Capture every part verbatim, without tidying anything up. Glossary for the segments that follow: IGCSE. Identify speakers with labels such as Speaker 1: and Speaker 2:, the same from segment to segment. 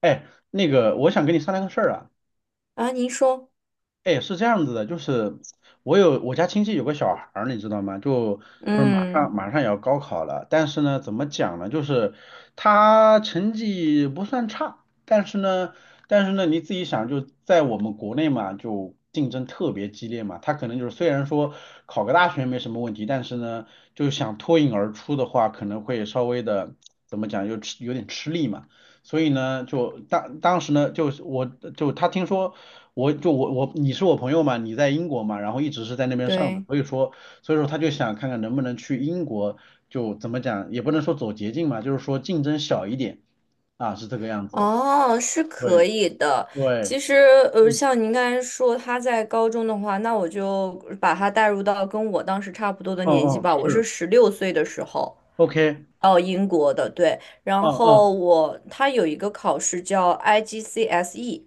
Speaker 1: 哎，那个，我想跟你商量个事儿啊。
Speaker 2: 啊，您说。
Speaker 1: 哎，是这样子的，就是我有我家亲戚有个小孩儿，你知道吗？就就是马
Speaker 2: 嗯，
Speaker 1: 上马上也要高考了，但是呢，怎么讲呢？就是他成绩不算差，但是呢，但是呢，你自己想，就在我们国内嘛，就竞争特别激烈嘛。他可能就是虽然说考个大学没什么问题，但是呢，就想脱颖而出的话，可能会稍微的怎么讲，就吃有点吃力嘛。所以呢，就当当时呢，就是我就他听说我就我我你是我朋友嘛，你在英国嘛，然后一直是在那边上的，
Speaker 2: 对。
Speaker 1: 所以说所以说他就想看看能不能去英国，就怎么讲也不能说走捷径嘛，就是说竞争小一点啊，是这个样子。
Speaker 2: 哦，是可
Speaker 1: 对
Speaker 2: 以的。
Speaker 1: 对，
Speaker 2: 其实，呃，
Speaker 1: 嗯，
Speaker 2: 像您刚才说他在高中的话，那我就把他带入到跟我当时差不多的
Speaker 1: 嗯
Speaker 2: 年纪
Speaker 1: 嗯
Speaker 2: 吧。我是
Speaker 1: 是
Speaker 2: 十六岁的时候，
Speaker 1: ，OK，
Speaker 2: 哦，英国的，对。然
Speaker 1: 嗯嗯
Speaker 2: 后我他有一个考试叫 I G C S E，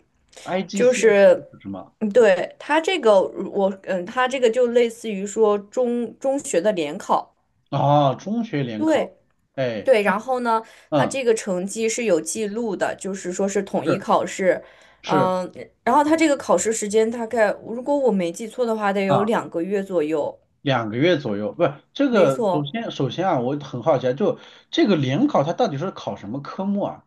Speaker 2: 就
Speaker 1: ，I G C S E
Speaker 2: 是，
Speaker 1: 是什么？
Speaker 2: 嗯对，他这个我，嗯，他这个就类似于说中中学的联考。
Speaker 1: 啊中学联考，
Speaker 2: 对，
Speaker 1: 哎，
Speaker 2: 对。然后呢，他
Speaker 1: 嗯
Speaker 2: 这个成绩是有记录的，就是说是统一
Speaker 1: 是
Speaker 2: 考试。
Speaker 1: 是。
Speaker 2: 嗯，然后他这个考试时间大概，如果我没记错的话，得有
Speaker 1: 啊。
Speaker 2: 两个月左右。
Speaker 1: 两个月左右，不是这
Speaker 2: 没
Speaker 1: 个。首
Speaker 2: 错，
Speaker 1: 先，首先啊，我很好奇啊，就这个联考它到底是考什么科目啊？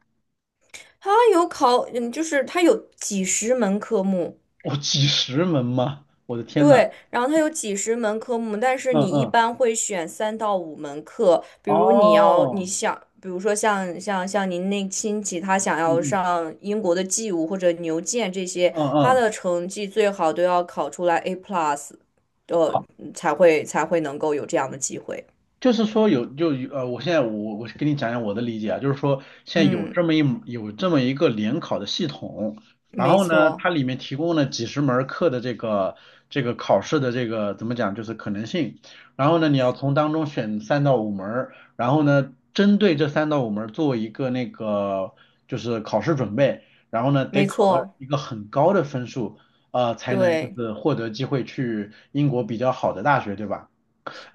Speaker 2: 他有考，嗯，就是他有几十门科目。
Speaker 1: 哦，几十门吗？我的天呐，
Speaker 2: 对，然后它有几十门科目，但是
Speaker 1: 嗯
Speaker 2: 你一
Speaker 1: 嗯，
Speaker 2: 般会选三到五门课，比如你要你
Speaker 1: 哦，
Speaker 2: 想，比如说像像像您那亲戚，他想
Speaker 1: 嗯
Speaker 2: 要
Speaker 1: 嗯
Speaker 2: 上英国的 G 舞或者牛剑这些，
Speaker 1: 嗯
Speaker 2: 他
Speaker 1: 嗯，
Speaker 2: 的成绩最好都要考出来 A plus。呃，才会才会能够有这样的机会。
Speaker 1: 就是说有就有呃，我现在我我跟你讲讲我的理解啊，就是说现在有
Speaker 2: 嗯，
Speaker 1: 这么一有这么一个联考的系统，然
Speaker 2: 没
Speaker 1: 后呢，
Speaker 2: 错，
Speaker 1: 它里面提供了几十门儿课的这个这个考试的这个怎么讲，就是可能性，然后呢，你要从当中选三到五门儿然后呢，针对这三到五门儿做一个那个就是考试准备，然后呢，得
Speaker 2: 没
Speaker 1: 考到
Speaker 2: 错，
Speaker 1: 一个很高的分数，呃，才能就
Speaker 2: 对。
Speaker 1: 是获得机会去英国比较好的大学，对吧？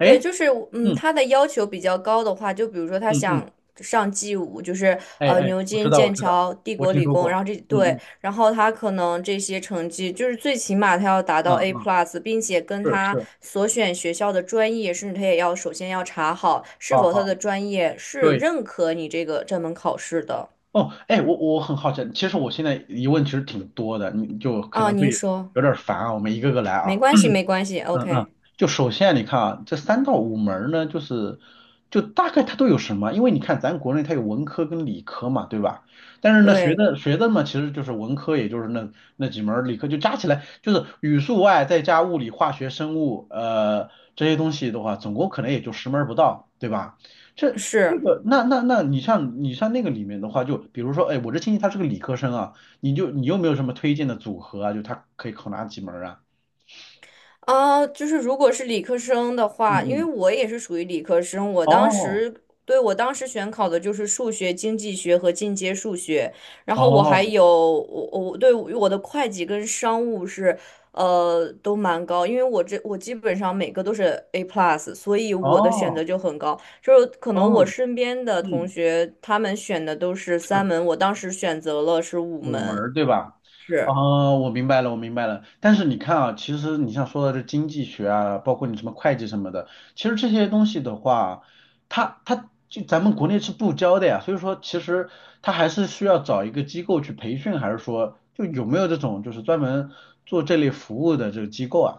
Speaker 2: 对，就是嗯，
Speaker 1: 嗯
Speaker 2: 他的要求比较高的话，就比如说他
Speaker 1: 嗯嗯。
Speaker 2: 想上 G 五，就是
Speaker 1: 哎
Speaker 2: 呃
Speaker 1: 哎，
Speaker 2: 牛
Speaker 1: 我知
Speaker 2: 津、
Speaker 1: 道，我
Speaker 2: 剑
Speaker 1: 知道，
Speaker 2: 桥、帝
Speaker 1: 我
Speaker 2: 国
Speaker 1: 听
Speaker 2: 理
Speaker 1: 说
Speaker 2: 工，
Speaker 1: 过。
Speaker 2: 然后这
Speaker 1: 嗯
Speaker 2: 对，
Speaker 1: 嗯
Speaker 2: 然后他可能这些成绩就是最起码他要达
Speaker 1: 嗯
Speaker 2: 到 A
Speaker 1: 嗯，
Speaker 2: plus，并且跟
Speaker 1: 是
Speaker 2: 他
Speaker 1: 是，
Speaker 2: 所选学校的专业，甚至他也要首先要查好是
Speaker 1: 好
Speaker 2: 否他
Speaker 1: 好，
Speaker 2: 的专业是
Speaker 1: 对。
Speaker 2: 认可你这个这门考试的。
Speaker 1: 哦，哎，我我很好奇，其实我现在疑问其实挺多的，你就可
Speaker 2: 啊，
Speaker 1: 能会
Speaker 2: 您说。
Speaker 1: 有点儿烦啊，我们一个个来
Speaker 2: 没
Speaker 1: 啊。
Speaker 2: 关系，没关系
Speaker 1: 嗯嗯，
Speaker 2: ，OK。
Speaker 1: 就首先你看啊，这三到五门儿呢，就是就大概它都有什么？因为你看咱国内它有文科跟理科嘛，对吧？但是呢，学
Speaker 2: 对，
Speaker 1: 的学的嘛，其实就是文科，也就是那那几门儿，理科就加起来就是语数外再加物理、化学、生物，呃，这些东西的话，总共可能也就十门儿不到，对吧？这这
Speaker 2: 是。
Speaker 1: 个那那那你像你像那个里面的话，就比如说，哎，我这亲戚他是个理科生啊，你就你有没有什么推荐的组合啊？就他可以考哪几门儿啊？
Speaker 2: 啊，就是如果是理科生的
Speaker 1: 嗯
Speaker 2: 话，因为
Speaker 1: 嗯，
Speaker 2: 我也是属于理科生，我当
Speaker 1: 哦。
Speaker 2: 时对我当时选考的就是数学、经济学和进阶数学，然后我还
Speaker 1: 哦
Speaker 2: 有我我对我的会计跟商务是呃都蛮高，因为我这我基本上每个都是 A plus，所以我的选
Speaker 1: 哦
Speaker 2: 择就很高，就是可能我
Speaker 1: 哦，
Speaker 2: 身边的同
Speaker 1: 嗯，
Speaker 2: 学他们选的都是三
Speaker 1: 是
Speaker 2: 门，我当时选择了是五
Speaker 1: 五门
Speaker 2: 门。
Speaker 1: 儿对吧？
Speaker 2: 是。
Speaker 1: 哦，我明白了，我明白了。但是你看啊，其实你像说的这经济学啊，包括你什么会计什么的，其实这些东西的话，它它就咱们国内是不教的呀。所以说，其实它还是需要找一个机构去培训，还是说就有没有这种就是专门做这类服务的这个机构啊？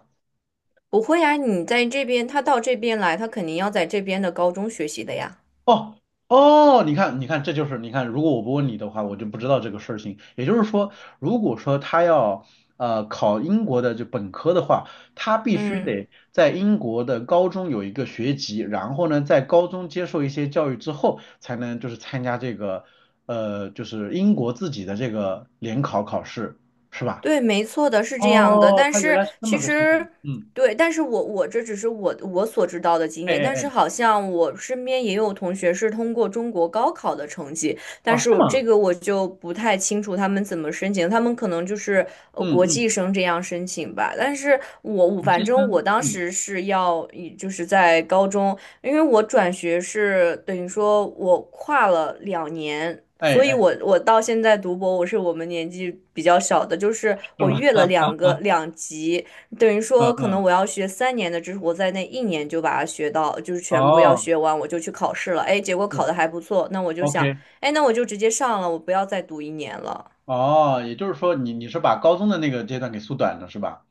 Speaker 2: 不会呀，你在这边，他到这边来，他肯定要在这边的高中学习的呀。
Speaker 1: 哦哦，你看，你看，这就是你看，如果我不问你的话，我就不知道这个事情。也就是说，如果说他要呃考英国的就本科的话，他必须
Speaker 2: 嗯，
Speaker 1: 得在英国的高中有一个学籍，然后呢，在高中接受一些教育之后，才能就是参加这个呃就是英国自己的这个联考考试，是吧？
Speaker 2: 对，没错的，是这样的。
Speaker 1: 哦，
Speaker 2: 但
Speaker 1: 他原
Speaker 2: 是
Speaker 1: 来是这么
Speaker 2: 其
Speaker 1: 个系统。
Speaker 2: 实，
Speaker 1: 嗯，
Speaker 2: 对，但是我我这只是我我所知道的经
Speaker 1: 哎
Speaker 2: 验。
Speaker 1: 哎
Speaker 2: 但是
Speaker 1: 哎，
Speaker 2: 好像我身边也有同学是通过中国高考的成绩。
Speaker 1: 哦，
Speaker 2: 但
Speaker 1: 是
Speaker 2: 是
Speaker 1: 吗？
Speaker 2: 这个我就不太清楚他们怎么申请，他们可能就是呃
Speaker 1: 嗯
Speaker 2: 国
Speaker 1: 嗯，
Speaker 2: 际生这样申请吧。但是我我
Speaker 1: 不计
Speaker 2: 反正
Speaker 1: 生，
Speaker 2: 我当
Speaker 1: 嗯，
Speaker 2: 时是要以就是在高中，因为我转学是等于说我跨了两年。
Speaker 1: 哎
Speaker 2: 所以
Speaker 1: 哎，
Speaker 2: 我，我到现在读博，我是我们年纪比较小的，就是
Speaker 1: 是
Speaker 2: 我
Speaker 1: 吗？
Speaker 2: 越了两个两级，等于
Speaker 1: 嗯
Speaker 2: 说可能
Speaker 1: 嗯
Speaker 2: 我要学三年的知识，我在那一年就把它学到，就是全部要
Speaker 1: 哦，
Speaker 2: 学完，我就去考试了。哎，结果考
Speaker 1: 是
Speaker 2: 的还不错，那我就想，
Speaker 1: ，OK，
Speaker 2: 哎，那我就直接上了，我不要再读一年了。
Speaker 1: 哦，也就是说你你是把高中的那个阶段给缩短了是吧？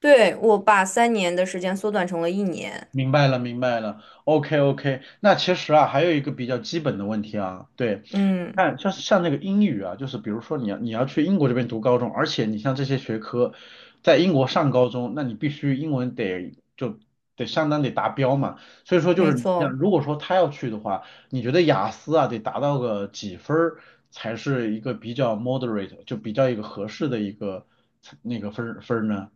Speaker 2: 对，我把三年的时间缩短成了一年。
Speaker 1: 明白了，明白了，OK OK。那其实啊，还有一个比较基本的问题啊，对，
Speaker 2: 嗯，
Speaker 1: 看，像像那个英语啊，就是比如说你要你要去英国这边读高中，而且你像这些学科在英国上高中，那你必须英文得就得相当得达标嘛。所以说就
Speaker 2: 没
Speaker 1: 是你像
Speaker 2: 错。
Speaker 1: 如果说他要去的话，你觉得雅思啊得达到个几分儿才是一个比较 moderate，就比较一个合适的一个那个分儿分儿呢？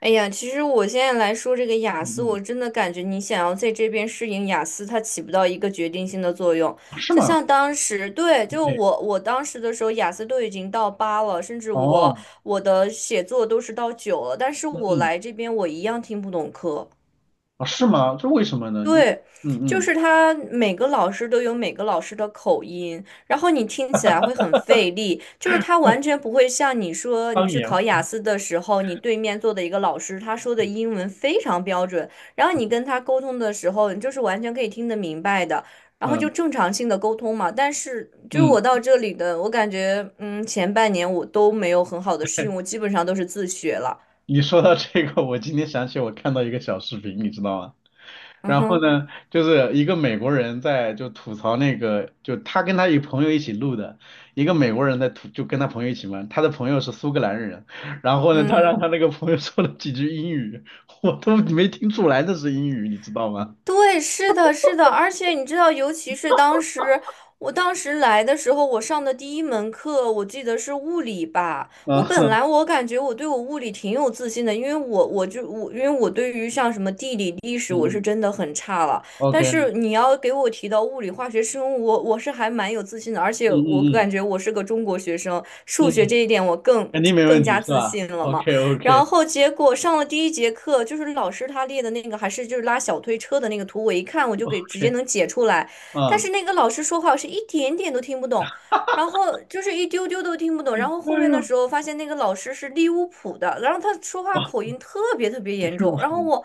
Speaker 2: 哎呀，其实我现在来说这个雅
Speaker 1: 嗯
Speaker 2: 思，
Speaker 1: 嗯，
Speaker 2: 我真的感觉你想要在这边适应雅思，它起不到一个决定性的作用。
Speaker 1: 啊是
Speaker 2: 就
Speaker 1: 吗？
Speaker 2: 像当时，对，就
Speaker 1: 对，
Speaker 2: 我我当时的时候，雅思都已经到八了，甚至
Speaker 1: 哦，
Speaker 2: 我我的写作都是到九了，但是
Speaker 1: 嗯
Speaker 2: 我
Speaker 1: 嗯，
Speaker 2: 来这边我一样听不懂课。
Speaker 1: 啊是吗？这为什么呢？就
Speaker 2: 对，就
Speaker 1: 嗯嗯，
Speaker 2: 是他每个老师都有每个老师的口音，然后你听起来会很费力。就是他完全不会像你说你
Speaker 1: 方
Speaker 2: 去
Speaker 1: 言，
Speaker 2: 考雅思的时候，你对面坐的一个老师，他说的英文非常标准，然后你跟他沟通的时候，你就是完全可以听得明白的，然后
Speaker 1: 嗯
Speaker 2: 就正常性的沟通嘛。但是就是
Speaker 1: 嗯。
Speaker 2: 我到这里的，我感觉嗯，前半年我都没有很好的适应，我基本上都是自学了。
Speaker 1: 你说到这个，我今天想起我看到一个小视频，你知道吗？
Speaker 2: 嗯
Speaker 1: 然后
Speaker 2: 哼。
Speaker 1: 呢，就是一个美国人在就吐槽那个，就他跟他一朋友一起录的，一个美国人在吐，就跟他朋友一起嘛，他的朋友是苏格兰人，然后呢，他
Speaker 2: 嗯。
Speaker 1: 让他那个朋友说了几句英语，我都没听出来那是英语，你知道吗？
Speaker 2: 对，是的，是的，而且你知道，尤其是当时，我当时来的时候，我上的第一门课，我记得是物理吧。我
Speaker 1: 啊，
Speaker 2: 本来我感觉我对我物理挺有自信的，因为我我就我因为我对于像什么地理、历 史，
Speaker 1: 嗯
Speaker 2: 我是
Speaker 1: 嗯
Speaker 2: 真的很差了。
Speaker 1: ，OK，
Speaker 2: 但
Speaker 1: 嗯
Speaker 2: 是你要给我提到物理、化学、生物，我我是还蛮有自信的，而且我感
Speaker 1: 嗯
Speaker 2: 觉我是个中国学生，
Speaker 1: 嗯
Speaker 2: 数学这
Speaker 1: 嗯，
Speaker 2: 一点我更
Speaker 1: 肯定 没
Speaker 2: 更
Speaker 1: 问题
Speaker 2: 加
Speaker 1: 是
Speaker 2: 自
Speaker 1: 吧
Speaker 2: 信了嘛。
Speaker 1: ？OK
Speaker 2: 然
Speaker 1: OK
Speaker 2: 后结果上了第一节课，就是老师他列的那个还是就是拉小推车的那个图，我一看我就给直接
Speaker 1: OK，
Speaker 2: 能解出来，但
Speaker 1: 啊，
Speaker 2: 是那个老师说话我是一点点都听不懂。然后就是一丢丢都听不懂，然后
Speaker 1: 哎
Speaker 2: 后面的
Speaker 1: 呦，
Speaker 2: 时候发现那个老师是利物浦的，然后他说 话
Speaker 1: 啊，
Speaker 2: 口音特别特别
Speaker 1: 离
Speaker 2: 严
Speaker 1: 谱，
Speaker 2: 重，然后我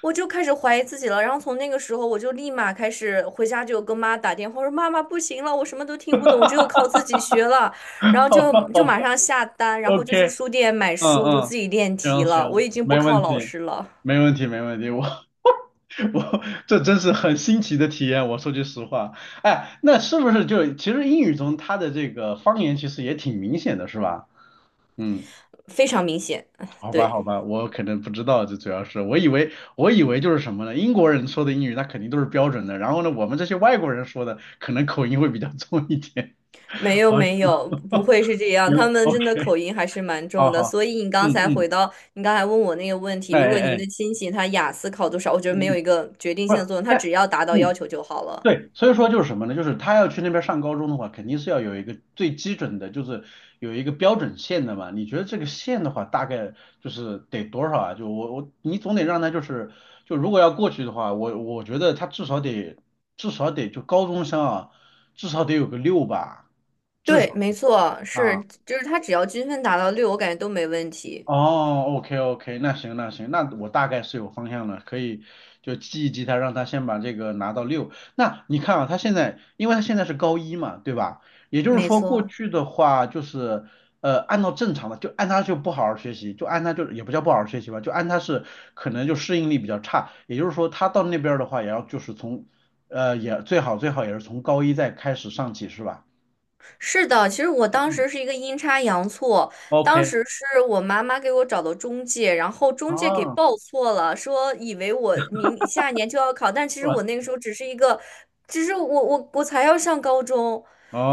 Speaker 2: 我就开始怀疑自己了，然后从那个时候我就立马开始回家就跟妈打电话，我说妈妈不行了，我什么都听不懂，只有靠自己学了。然 后
Speaker 1: 好
Speaker 2: 就
Speaker 1: 吧好
Speaker 2: 就马
Speaker 1: 吧
Speaker 2: 上下单，然后就去
Speaker 1: ，OK。
Speaker 2: 书店买
Speaker 1: 嗯
Speaker 2: 书，就
Speaker 1: 嗯，
Speaker 2: 自己练题
Speaker 1: 行
Speaker 2: 了。我
Speaker 1: 行，
Speaker 2: 已经不
Speaker 1: 没
Speaker 2: 靠
Speaker 1: 问
Speaker 2: 老
Speaker 1: 题，
Speaker 2: 师了。
Speaker 1: 没问题，没问题。我 我这真是很新奇的体验，我说句实话。哎，那是不是就其实英语中它的这个方言其实也挺明显的，是吧？嗯，
Speaker 2: 非常明显。
Speaker 1: 好吧
Speaker 2: 对，
Speaker 1: 好吧，我可能不知道，这主要是我以为我以为就是什么呢？英国人说的英语那肯定都是标准的，然后呢，我们这些外国人说的可能口音会比较 重一点。
Speaker 2: 没 有
Speaker 1: 好，行
Speaker 2: 没有，不会是这样，他 们真的
Speaker 1: ，OK，
Speaker 2: 口音还是蛮
Speaker 1: 好
Speaker 2: 重的。
Speaker 1: 好，
Speaker 2: 所以你
Speaker 1: 嗯
Speaker 2: 刚才
Speaker 1: 嗯，
Speaker 2: 回到你刚才问我那个问题，
Speaker 1: 哎
Speaker 2: 如果
Speaker 1: 哎
Speaker 2: 您
Speaker 1: 哎，
Speaker 2: 的亲戚他雅思考多少，我觉得
Speaker 1: 嗯
Speaker 2: 没有
Speaker 1: 嗯，
Speaker 2: 一个决定
Speaker 1: 不，
Speaker 2: 性的作用，他
Speaker 1: 但
Speaker 2: 只要达到要
Speaker 1: 嗯。
Speaker 2: 求就好了。
Speaker 1: 对，所以说就是什么呢？就是他要去那边上高中的话，肯定是要有一个最基准的，就是有一个标准线的嘛。你觉得这个线的话，大概就是得多少啊？就我我你总得让他就是，就如果要过去的话，我我觉得他至少得至少得就高中生啊，至少得有个六吧，至
Speaker 2: 对，
Speaker 1: 少
Speaker 2: 没错，
Speaker 1: 啊。
Speaker 2: 是，就是他只要均分达到六，我感觉都没问题。
Speaker 1: 哦，OK OK，那行那行，那我大概是有方向了，可以就记一记他，让他先把这个拿到六。那你看啊，他现在，因为他现在是高一嘛，对吧？也就是
Speaker 2: 没
Speaker 1: 说，过
Speaker 2: 错。
Speaker 1: 去的话就是，呃，按照正常的，就按他就不好好学习，就按他就也不叫不好好学习吧，就按他是可能就适应力比较差，也就是说，他到那边儿的话，也要就是从，呃，也最好最好也是从高一再开始上起，是吧？
Speaker 2: 是的，其实我当
Speaker 1: 嗯
Speaker 2: 时是一个阴差阳错，当
Speaker 1: ，OK，
Speaker 2: 时是我妈妈给我找的中介，然后中介给
Speaker 1: 哦，
Speaker 2: 报错了，说以为我明下一年就要考。但其
Speaker 1: 是
Speaker 2: 实我
Speaker 1: 吧？
Speaker 2: 那个时候只是一个，只是我我我才要上高中，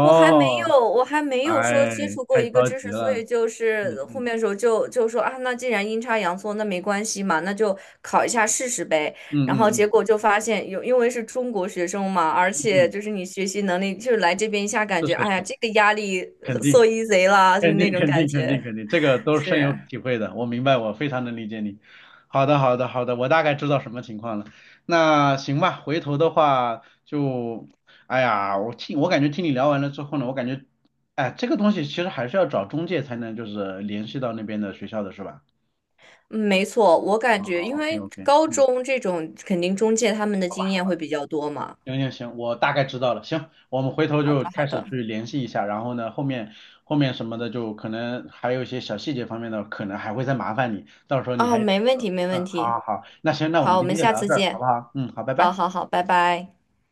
Speaker 2: 我还没有我还没有说接
Speaker 1: 哎，
Speaker 2: 触过
Speaker 1: 太
Speaker 2: 一个
Speaker 1: 着
Speaker 2: 知
Speaker 1: 急
Speaker 2: 识，所以
Speaker 1: 了，
Speaker 2: 就
Speaker 1: 嗯
Speaker 2: 是后
Speaker 1: 嗯
Speaker 2: 面的时候就就说啊，那既然阴差阳错，那没关系嘛，那就考一下试试呗。
Speaker 1: 嗯
Speaker 2: 然后
Speaker 1: 嗯
Speaker 2: 结
Speaker 1: 嗯
Speaker 2: 果就发现有，因为是中国学生嘛，而
Speaker 1: 嗯
Speaker 2: 且
Speaker 1: 嗯，
Speaker 2: 就是你学习能力，就是来这边一下感
Speaker 1: 是
Speaker 2: 觉，
Speaker 1: 是
Speaker 2: 哎呀，
Speaker 1: 是，
Speaker 2: 这个压力
Speaker 1: 肯
Speaker 2: 呃 so
Speaker 1: 定
Speaker 2: easy 啦，就是
Speaker 1: 肯
Speaker 2: 那
Speaker 1: 定
Speaker 2: 种
Speaker 1: 肯
Speaker 2: 感
Speaker 1: 定肯定
Speaker 2: 觉。
Speaker 1: 肯定，这个都是深
Speaker 2: 是。
Speaker 1: 有体会的，我明白，我非常能理解你。好的好的好的，我大概知道什么情况了。那行吧，回头的话就，哎呀，我听我感觉听你聊完了之后呢，我感觉，哎，这个东西其实还是要找中介才能就是联系到那边的学校的是吧？
Speaker 2: 嗯没错，我感
Speaker 1: 好
Speaker 2: 觉
Speaker 1: 好
Speaker 2: 因
Speaker 1: ，OK
Speaker 2: 为
Speaker 1: OK，
Speaker 2: 高
Speaker 1: 嗯，
Speaker 2: 中这种肯定中介他们的
Speaker 1: 好吧
Speaker 2: 经
Speaker 1: 好
Speaker 2: 验会
Speaker 1: 吧。
Speaker 2: 比较多嘛。
Speaker 1: 行行行，我大概知道了。行，我们回头
Speaker 2: 好的，
Speaker 1: 就
Speaker 2: 好
Speaker 1: 开始
Speaker 2: 的。
Speaker 1: 去联系一下，然后呢，后面后面什么的，就可能还有一些小细节方面的，可能还会再麻烦你，到时候你
Speaker 2: 哦，
Speaker 1: 还，
Speaker 2: 没问题，没
Speaker 1: 嗯，
Speaker 2: 问
Speaker 1: 好
Speaker 2: 题。
Speaker 1: 好好，那行，那我
Speaker 2: 好，
Speaker 1: 们
Speaker 2: 我
Speaker 1: 今
Speaker 2: 们
Speaker 1: 天就
Speaker 2: 下
Speaker 1: 聊到
Speaker 2: 次
Speaker 1: 这儿，好不
Speaker 2: 见。
Speaker 1: 好？嗯，好，拜
Speaker 2: 好
Speaker 1: 拜。
Speaker 2: 好好，拜拜。